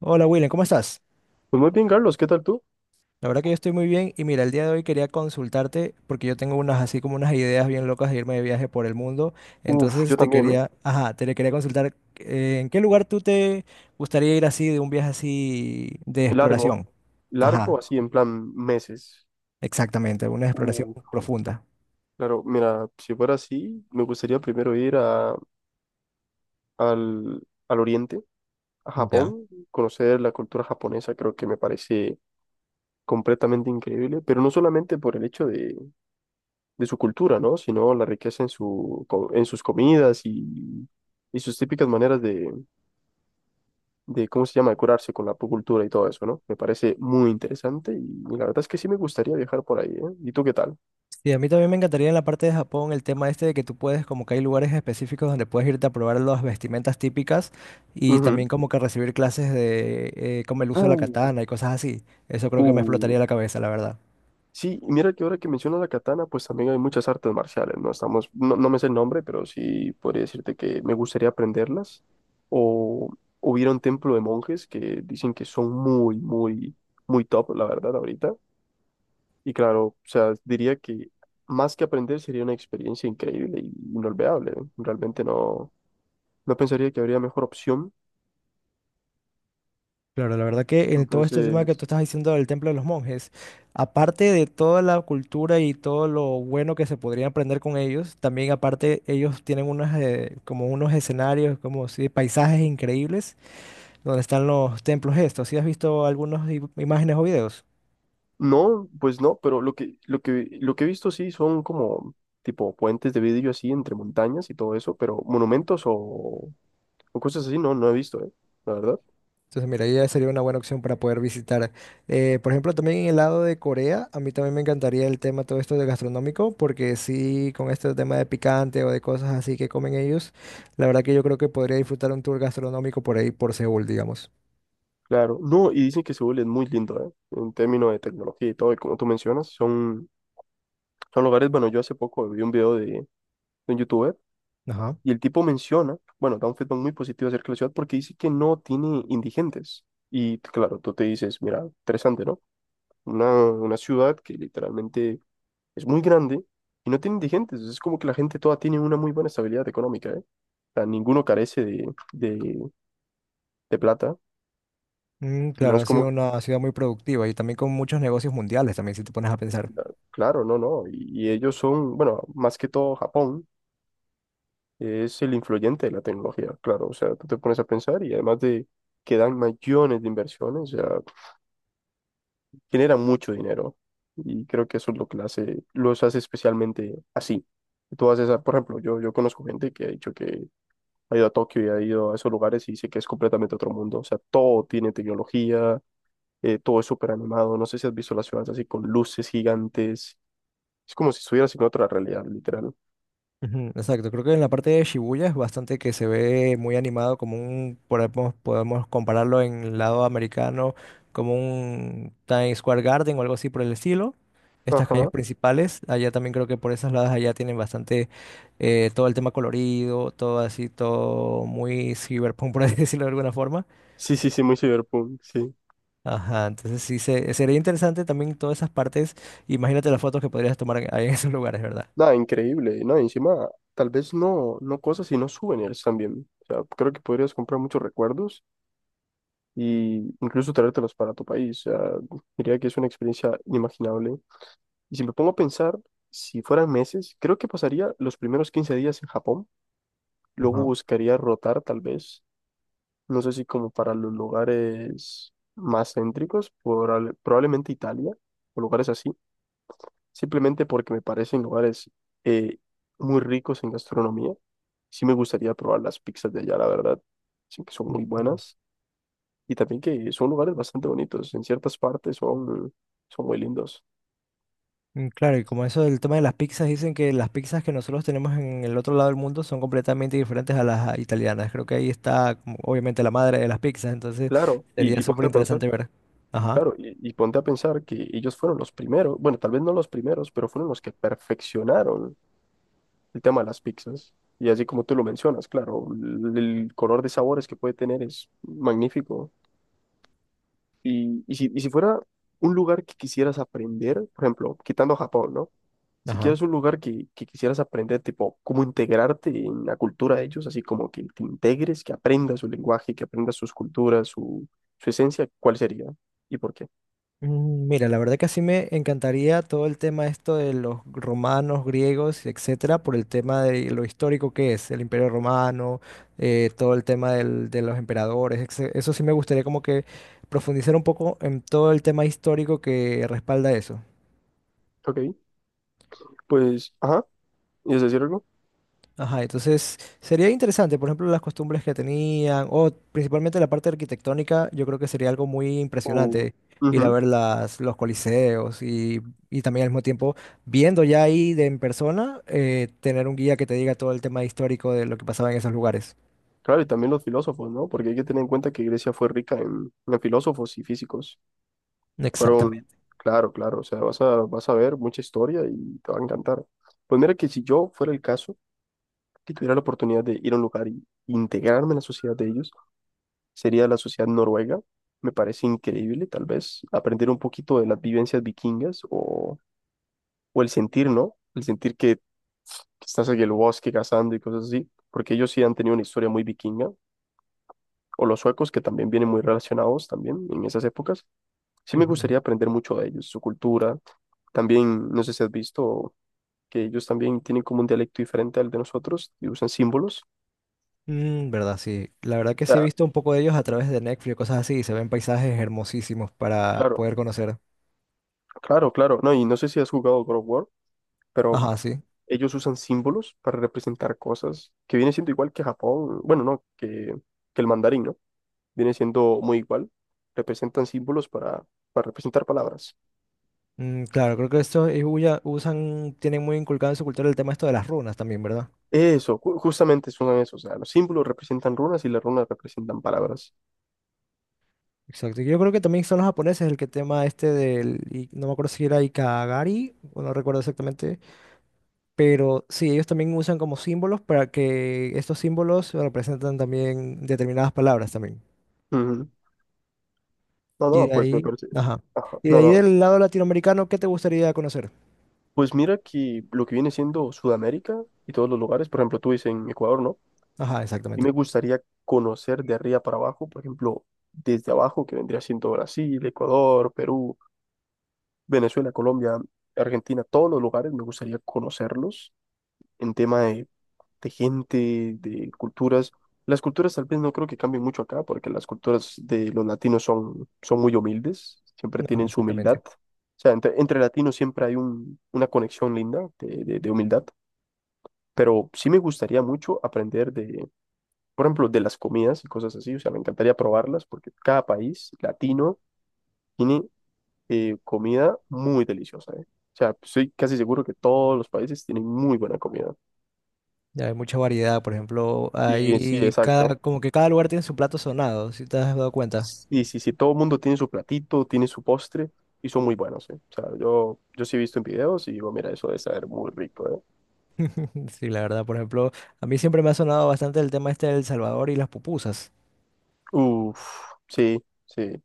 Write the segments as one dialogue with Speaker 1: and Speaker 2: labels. Speaker 1: Hola William, ¿cómo estás?
Speaker 2: Pues muy bien, Carlos, ¿qué tal tú?
Speaker 1: La verdad que yo estoy muy bien y mira, el día de hoy quería consultarte porque yo tengo unas así como unas ideas bien locas de irme de viaje por el mundo. Entonces
Speaker 2: Yo
Speaker 1: te
Speaker 2: también, ¿eh?
Speaker 1: quería, ajá, te le quería consultar ¿en qué lugar tú te gustaría ir así de un viaje así de
Speaker 2: Largo,
Speaker 1: exploración? Ajá,
Speaker 2: largo, así en plan meses.
Speaker 1: exactamente, una exploración
Speaker 2: Uh,
Speaker 1: profunda.
Speaker 2: claro, mira, si fuera así, me gustaría primero ir al, al oriente, a
Speaker 1: Ya.
Speaker 2: Japón, conocer la cultura japonesa, creo que me parece completamente increíble, pero no solamente por el hecho de su cultura, ¿no? Sino la riqueza en su, en sus comidas y sus típicas maneras de cómo se llama, de curarse con la acupuntura y todo eso, ¿no? Me parece muy interesante y la verdad es que sí me gustaría viajar por ahí, ¿eh? ¿Y tú qué tal?
Speaker 1: Sí, a mí también me encantaría en la parte de Japón el tema este de que tú puedes, como que hay lugares específicos donde puedes irte a probar las vestimentas típicas y
Speaker 2: Ujú.
Speaker 1: también como que recibir clases de como el uso de la
Speaker 2: Uh,
Speaker 1: katana y cosas así. Eso creo que me
Speaker 2: uh.
Speaker 1: explotaría la cabeza, la verdad.
Speaker 2: Sí, y mira que ahora que mencionas la katana, pues también hay muchas artes marciales, ¿no? No, me sé el nombre, pero sí podría decirte que me gustaría aprenderlas. O hubiera un templo de monjes que dicen que son muy top, la verdad, ahorita. Y claro, o sea, diría que más que aprender sería una experiencia increíble y inolvidable. ¿Eh? Realmente no. No pensaría que habría mejor opción.
Speaker 1: Claro, la verdad que en todo este tema que tú
Speaker 2: Entonces,
Speaker 1: estás diciendo del Templo de los Monjes, aparte de toda la cultura y todo lo bueno que se podría aprender con ellos, también aparte ellos tienen unos como unos escenarios, como si paisajes increíbles donde están los templos estos. ¿Sí has visto algunas imágenes o videos?
Speaker 2: no, pues no, pero lo que he visto sí son como tipo puentes de vidrio así entre montañas y todo eso, pero monumentos o cosas así no, no he visto, ¿eh? La verdad.
Speaker 1: Entonces, mira, ya sería una buena opción para poder visitar. Por ejemplo, también en el lado de Corea, a mí también me encantaría el tema todo esto de gastronómico, porque sí, con este tema de picante o de cosas así que comen ellos, la verdad que yo creo que podría disfrutar un tour gastronómico por ahí, por Seúl, digamos.
Speaker 2: Claro, no, y dicen que Seúl es muy lindo, ¿eh? En términos de tecnología y todo, y como tú mencionas, son lugares, bueno, yo hace poco vi un video de un youtuber
Speaker 1: Ajá.
Speaker 2: y el tipo menciona, bueno, da un feedback muy positivo acerca de la ciudad porque dice que no tiene indigentes. Y claro, tú te dices, mira, interesante, ¿no? Una una ciudad que literalmente es muy grande y no tiene indigentes. Es como que la gente toda tiene una muy buena estabilidad económica, ¿eh? O sea, ninguno carece de plata.
Speaker 1: Mm,
Speaker 2: No
Speaker 1: claro,
Speaker 2: es
Speaker 1: ha sido
Speaker 2: como,
Speaker 1: una ciudad muy productiva y también con muchos negocios mundiales, también si te pones a pensar.
Speaker 2: claro, no, no. Y y, ellos son, bueno, más que todo Japón es el influyente de la tecnología, claro. O sea, tú te pones a pensar y además de que dan millones de inversiones, o sea, generan mucho dinero. Y creo que eso es lo que la hace, los hace especialmente así. Tú haces, ah, por ejemplo, yo conozco gente que ha dicho que ha ido a Tokio y ha ido a esos lugares y dice que es completamente otro mundo. O sea, todo tiene tecnología, todo es súper animado. No sé si has visto las ciudades así con luces gigantes. Es como si estuvieras en otra realidad, literal.
Speaker 1: Ujú, exacto, creo que en la parte de Shibuya es bastante que se ve muy animado, como un, podemos compararlo en el lado americano, como un Times Square Garden o algo así por el estilo. Estas calles
Speaker 2: Ajá.
Speaker 1: principales, allá también creo que por esas lados allá tienen bastante todo el tema colorido, todo así, todo muy cyberpunk, por así decirlo de alguna forma.
Speaker 2: Sí, muy cyberpunk, sí.
Speaker 1: Ajá, entonces sí, sería interesante también todas esas partes. Imagínate las fotos que podrías tomar ahí en esos lugares, ¿verdad?
Speaker 2: Nada, increíble, ¿no? Encima, tal vez no, no cosas, sino souvenirs también. O sea, creo que podrías comprar muchos recuerdos y incluso traértelos para tu país. O sea, diría que es una experiencia inimaginable. Y si me pongo a pensar, si fueran meses, creo que pasaría los primeros 15 días en Japón. Luego
Speaker 1: Ajá.
Speaker 2: buscaría rotar, tal vez. No sé si como para los lugares más céntricos, probablemente Italia o lugares así, simplemente porque me parecen lugares eh, muy ricos en gastronomía. Sí me gustaría probar las pizzas de allá, la verdad. Sí que son muy
Speaker 1: Mm.
Speaker 2: buenas y también que son lugares bastante bonitos. En ciertas partes son muy lindos.
Speaker 1: Mm, claro, y como eso del tema de las pizzas, dicen que las pizzas que nosotros tenemos en el otro lado del mundo son completamente diferentes a las italianas. Creo que ahí está, como, obviamente, la madre de las pizzas, entonces
Speaker 2: Claro,
Speaker 1: sería súper interesante ver. Ajá.
Speaker 2: claro, y ponte a pensar que ellos fueron los primeros, bueno, tal vez no los primeros, pero fueron los que perfeccionaron el tema de las pizzas. Y así como tú lo mencionas, claro, el color de sabores que puede tener es magnífico. Y si fuera un lugar que quisieras aprender, por ejemplo, quitando Japón, ¿no? Si
Speaker 1: Ajá.
Speaker 2: quieres un lugar que quisieras aprender, tipo, cómo integrarte en la cultura de ellos, así como que te integres, que aprendas su lenguaje, que aprendas sus culturas, su esencia, ¿cuál sería? ¿Y por qué?
Speaker 1: Mm, mira, la verdad que sí me encantaría todo el tema esto de los romanos, griegos, etcétera, por el tema de lo histórico que es el Imperio Romano, todo el tema de los emperadores, etc. Eso sí me gustaría como que profundizar un poco en todo el tema histórico que respalda eso.
Speaker 2: Ok, pues, ajá, ¿y es decir algo?
Speaker 1: Ajá, entonces sería interesante, por ejemplo, las costumbres que tenían, o principalmente la parte arquitectónica, yo creo que sería algo muy
Speaker 2: O-
Speaker 1: impresionante ir a
Speaker 2: ujú.
Speaker 1: ver los coliseos y también al mismo tiempo, viendo ya ahí de en persona, tener un guía que te diga todo el tema histórico de lo que pasaba en esos lugares.
Speaker 2: Claro, y también los filósofos, ¿no? Porque hay que tener en cuenta que Grecia fue rica en filósofos y físicos. Fueron,
Speaker 1: Exactamente.
Speaker 2: claro, claro, o sea, vas a ver mucha historia y te va a encantar. Pues mira que si yo fuera el caso, que tuviera la oportunidad de ir a un lugar y integrarme en la sociedad de ellos, sería la sociedad noruega. Me parece increíble, tal vez, aprender un poquito de las vivencias vikingas o el sentir, ¿no? El sentir que estás en el bosque cazando y cosas así, porque ellos sí han tenido una historia muy vikinga o los suecos, que también vienen muy relacionados también en esas épocas. Sí me
Speaker 1: Ujú.
Speaker 2: gustaría aprender mucho de ellos, su cultura. También, no sé si has visto que ellos también tienen como un dialecto diferente al de nosotros y usan símbolos.
Speaker 1: Mm, verdad, sí. La verdad que sí he
Speaker 2: Ah,
Speaker 1: visto un poco de ellos a través de Netflix o cosas así, y se ven paisajes hermosísimos para
Speaker 2: claro,
Speaker 1: poder conocer.
Speaker 2: claro, claro. No, y no sé si has jugado God of War, pero
Speaker 1: Ajá, sí.
Speaker 2: ellos usan símbolos para representar cosas que viene siendo igual que Japón, bueno, no, que el mandarín, ¿no? Viene siendo muy igual. Representan símbolos para representar palabras.
Speaker 1: Mm, claro, creo que esto ellos usan, tienen muy inculcado en su cultura el tema esto de las runas también, ¿verdad?
Speaker 2: Eso, justamente es uno de. O sea, los símbolos representan runas y las runas representan palabras.
Speaker 1: Exacto. Yo creo que también son los japoneses el que tema este del, y no me acuerdo si era Ikagari, o no recuerdo exactamente, pero sí, ellos también usan como símbolos para que estos símbolos representan también determinadas palabras también.
Speaker 2: Ujú. No,
Speaker 1: Y de
Speaker 2: no, pues me
Speaker 1: ahí,
Speaker 2: parece.
Speaker 1: ajá.
Speaker 2: Ajá.
Speaker 1: Y de
Speaker 2: No,
Speaker 1: ahí
Speaker 2: no.
Speaker 1: del lado latinoamericano, ¿qué te gustaría conocer?
Speaker 2: Pues mira que lo que viene siendo Sudamérica y todos los lugares, por ejemplo, tú dices en Ecuador, ¿no?
Speaker 1: Ajá,
Speaker 2: Y
Speaker 1: exactamente.
Speaker 2: me gustaría conocer de arriba para abajo, por ejemplo, desde abajo, que vendría siendo Brasil, Ecuador, Perú, Venezuela, Colombia, Argentina, todos los lugares, me gustaría conocerlos en tema de gente, de culturas. Las culturas tal vez no creo que cambien mucho acá, porque las culturas de los latinos son muy humildes, siempre
Speaker 1: Ajá,
Speaker 2: tienen su humildad.
Speaker 1: exactamente.
Speaker 2: O sea, entre latinos siempre hay una conexión linda de humildad, pero sí me gustaría mucho aprender de, por ejemplo, de las comidas y cosas así, o sea, me encantaría probarlas, porque cada país latino tiene comida muy deliciosa, ¿eh? O sea, estoy casi seguro que todos los países tienen muy buena comida.
Speaker 1: Ya hay mucha variedad, por ejemplo,
Speaker 2: Y sí,
Speaker 1: hay cada,
Speaker 2: exacto.
Speaker 1: como que cada lugar tiene su plato sonado, si te has dado cuenta.
Speaker 2: Sí, todo el mundo tiene su platito, tiene su postre y son muy buenos, ¿eh? O sea, yo sí he visto en videos y digo, mira, eso debe saber muy rico, ¿eh?
Speaker 1: Sí, la verdad, por ejemplo, a mí siempre me ha sonado bastante el tema este del Salvador y las pupusas.
Speaker 2: Uf, sí, sí.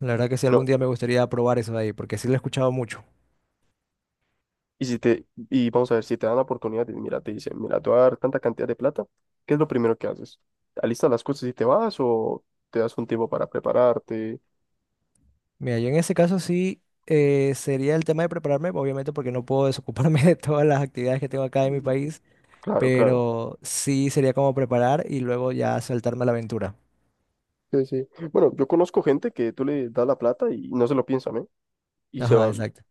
Speaker 1: La verdad que sí,
Speaker 2: No,
Speaker 1: algún día me gustaría probar eso de ahí, porque sí lo he escuchado mucho.
Speaker 2: y vamos a ver, si te dan la oportunidad, y mira, te dicen, mira, te voy a dar tanta cantidad de plata, ¿qué es lo primero que haces? ¿Alistas las cosas y te vas o te das un tiempo para prepararte?
Speaker 1: Mira, yo en ese caso sí sería el tema de prepararme, obviamente porque no puedo desocuparme de todas las actividades que tengo acá en mi
Speaker 2: Mm,
Speaker 1: país,
Speaker 2: claro, claro.
Speaker 1: pero sí sería como preparar y luego ya saltarme a la aventura.
Speaker 2: Sí, sí. Bueno, yo conozco gente que tú le das la plata y no se lo piensan, ¿eh? Y se
Speaker 1: Ajá,
Speaker 2: van.
Speaker 1: exacto.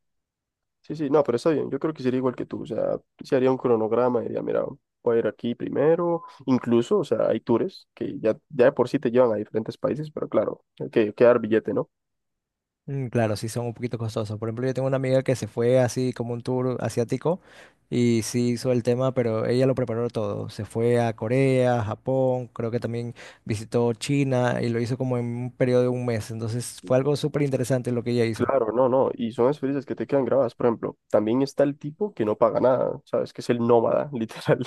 Speaker 2: Sí, sí, no, pero está bien. Yo creo que sería igual que tú. O sea, se haría un cronograma y diría, mira, voy a ir aquí primero. Incluso, o sea, hay tours ya de por sí te llevan a diferentes países, pero claro, hay que dar billete, ¿no?
Speaker 1: Mm, claro, sí son un poquito costosos. Por ejemplo, yo tengo una amiga que se fue así como un tour asiático y sí hizo el tema, pero ella lo preparó todo. Se fue a Corea, Japón, creo que también visitó China y lo hizo como en un periodo de un mes. Entonces fue algo súper interesante lo que ella hizo.
Speaker 2: Claro, no, no. Y son experiencias que te quedan grabadas. Por ejemplo, también está el tipo que no paga nada, ¿sabes? Que es el nómada, literal.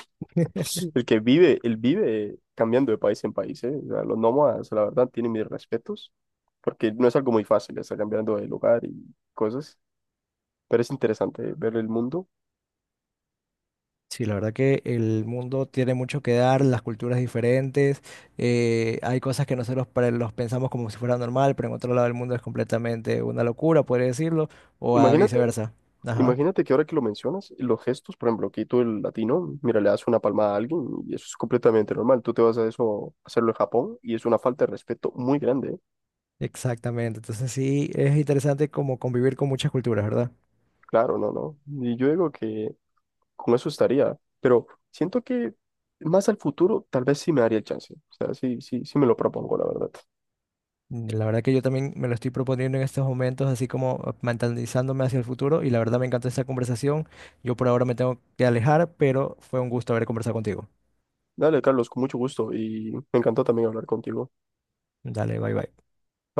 Speaker 2: El que vive, él vive cambiando de país en país, ¿eh? O sea, los nómadas, la verdad, tienen mis respetos, porque no es algo muy fácil estar cambiando de lugar y cosas, pero es interesante ver el mundo.
Speaker 1: Sí, la verdad que el mundo tiene mucho que dar, las culturas diferentes, hay cosas que nosotros los pensamos como si fuera normal, pero en otro lado del mundo es completamente una locura, podría decirlo, o a
Speaker 2: Imagínate
Speaker 1: viceversa. Ajá.
Speaker 2: Imagínate que ahora que lo mencionas, los gestos, por ejemplo, aquí tú el latino, mira, le das una palmada a alguien y eso es completamente normal. Tú te vas a eso, a hacerlo en Japón y es una falta de respeto muy grande. ¿Eh?
Speaker 1: Exactamente, entonces sí, es interesante como convivir con muchas culturas, ¿verdad?
Speaker 2: Claro, no, no. Y yo digo que con eso estaría, pero siento que más al futuro tal vez sí me daría el chance. O sea, sí me lo propongo, la verdad.
Speaker 1: Mm, la verdad que yo también me lo estoy proponiendo en estos momentos, así como mentalizándome hacia el futuro, y la verdad me encantó esta conversación. Yo por ahora me tengo que alejar, pero fue un gusto haber conversado contigo.
Speaker 2: Dale, Carlos, con mucho gusto y me encantó también hablar contigo.
Speaker 1: Dale, bye bye.
Speaker 2: Bye.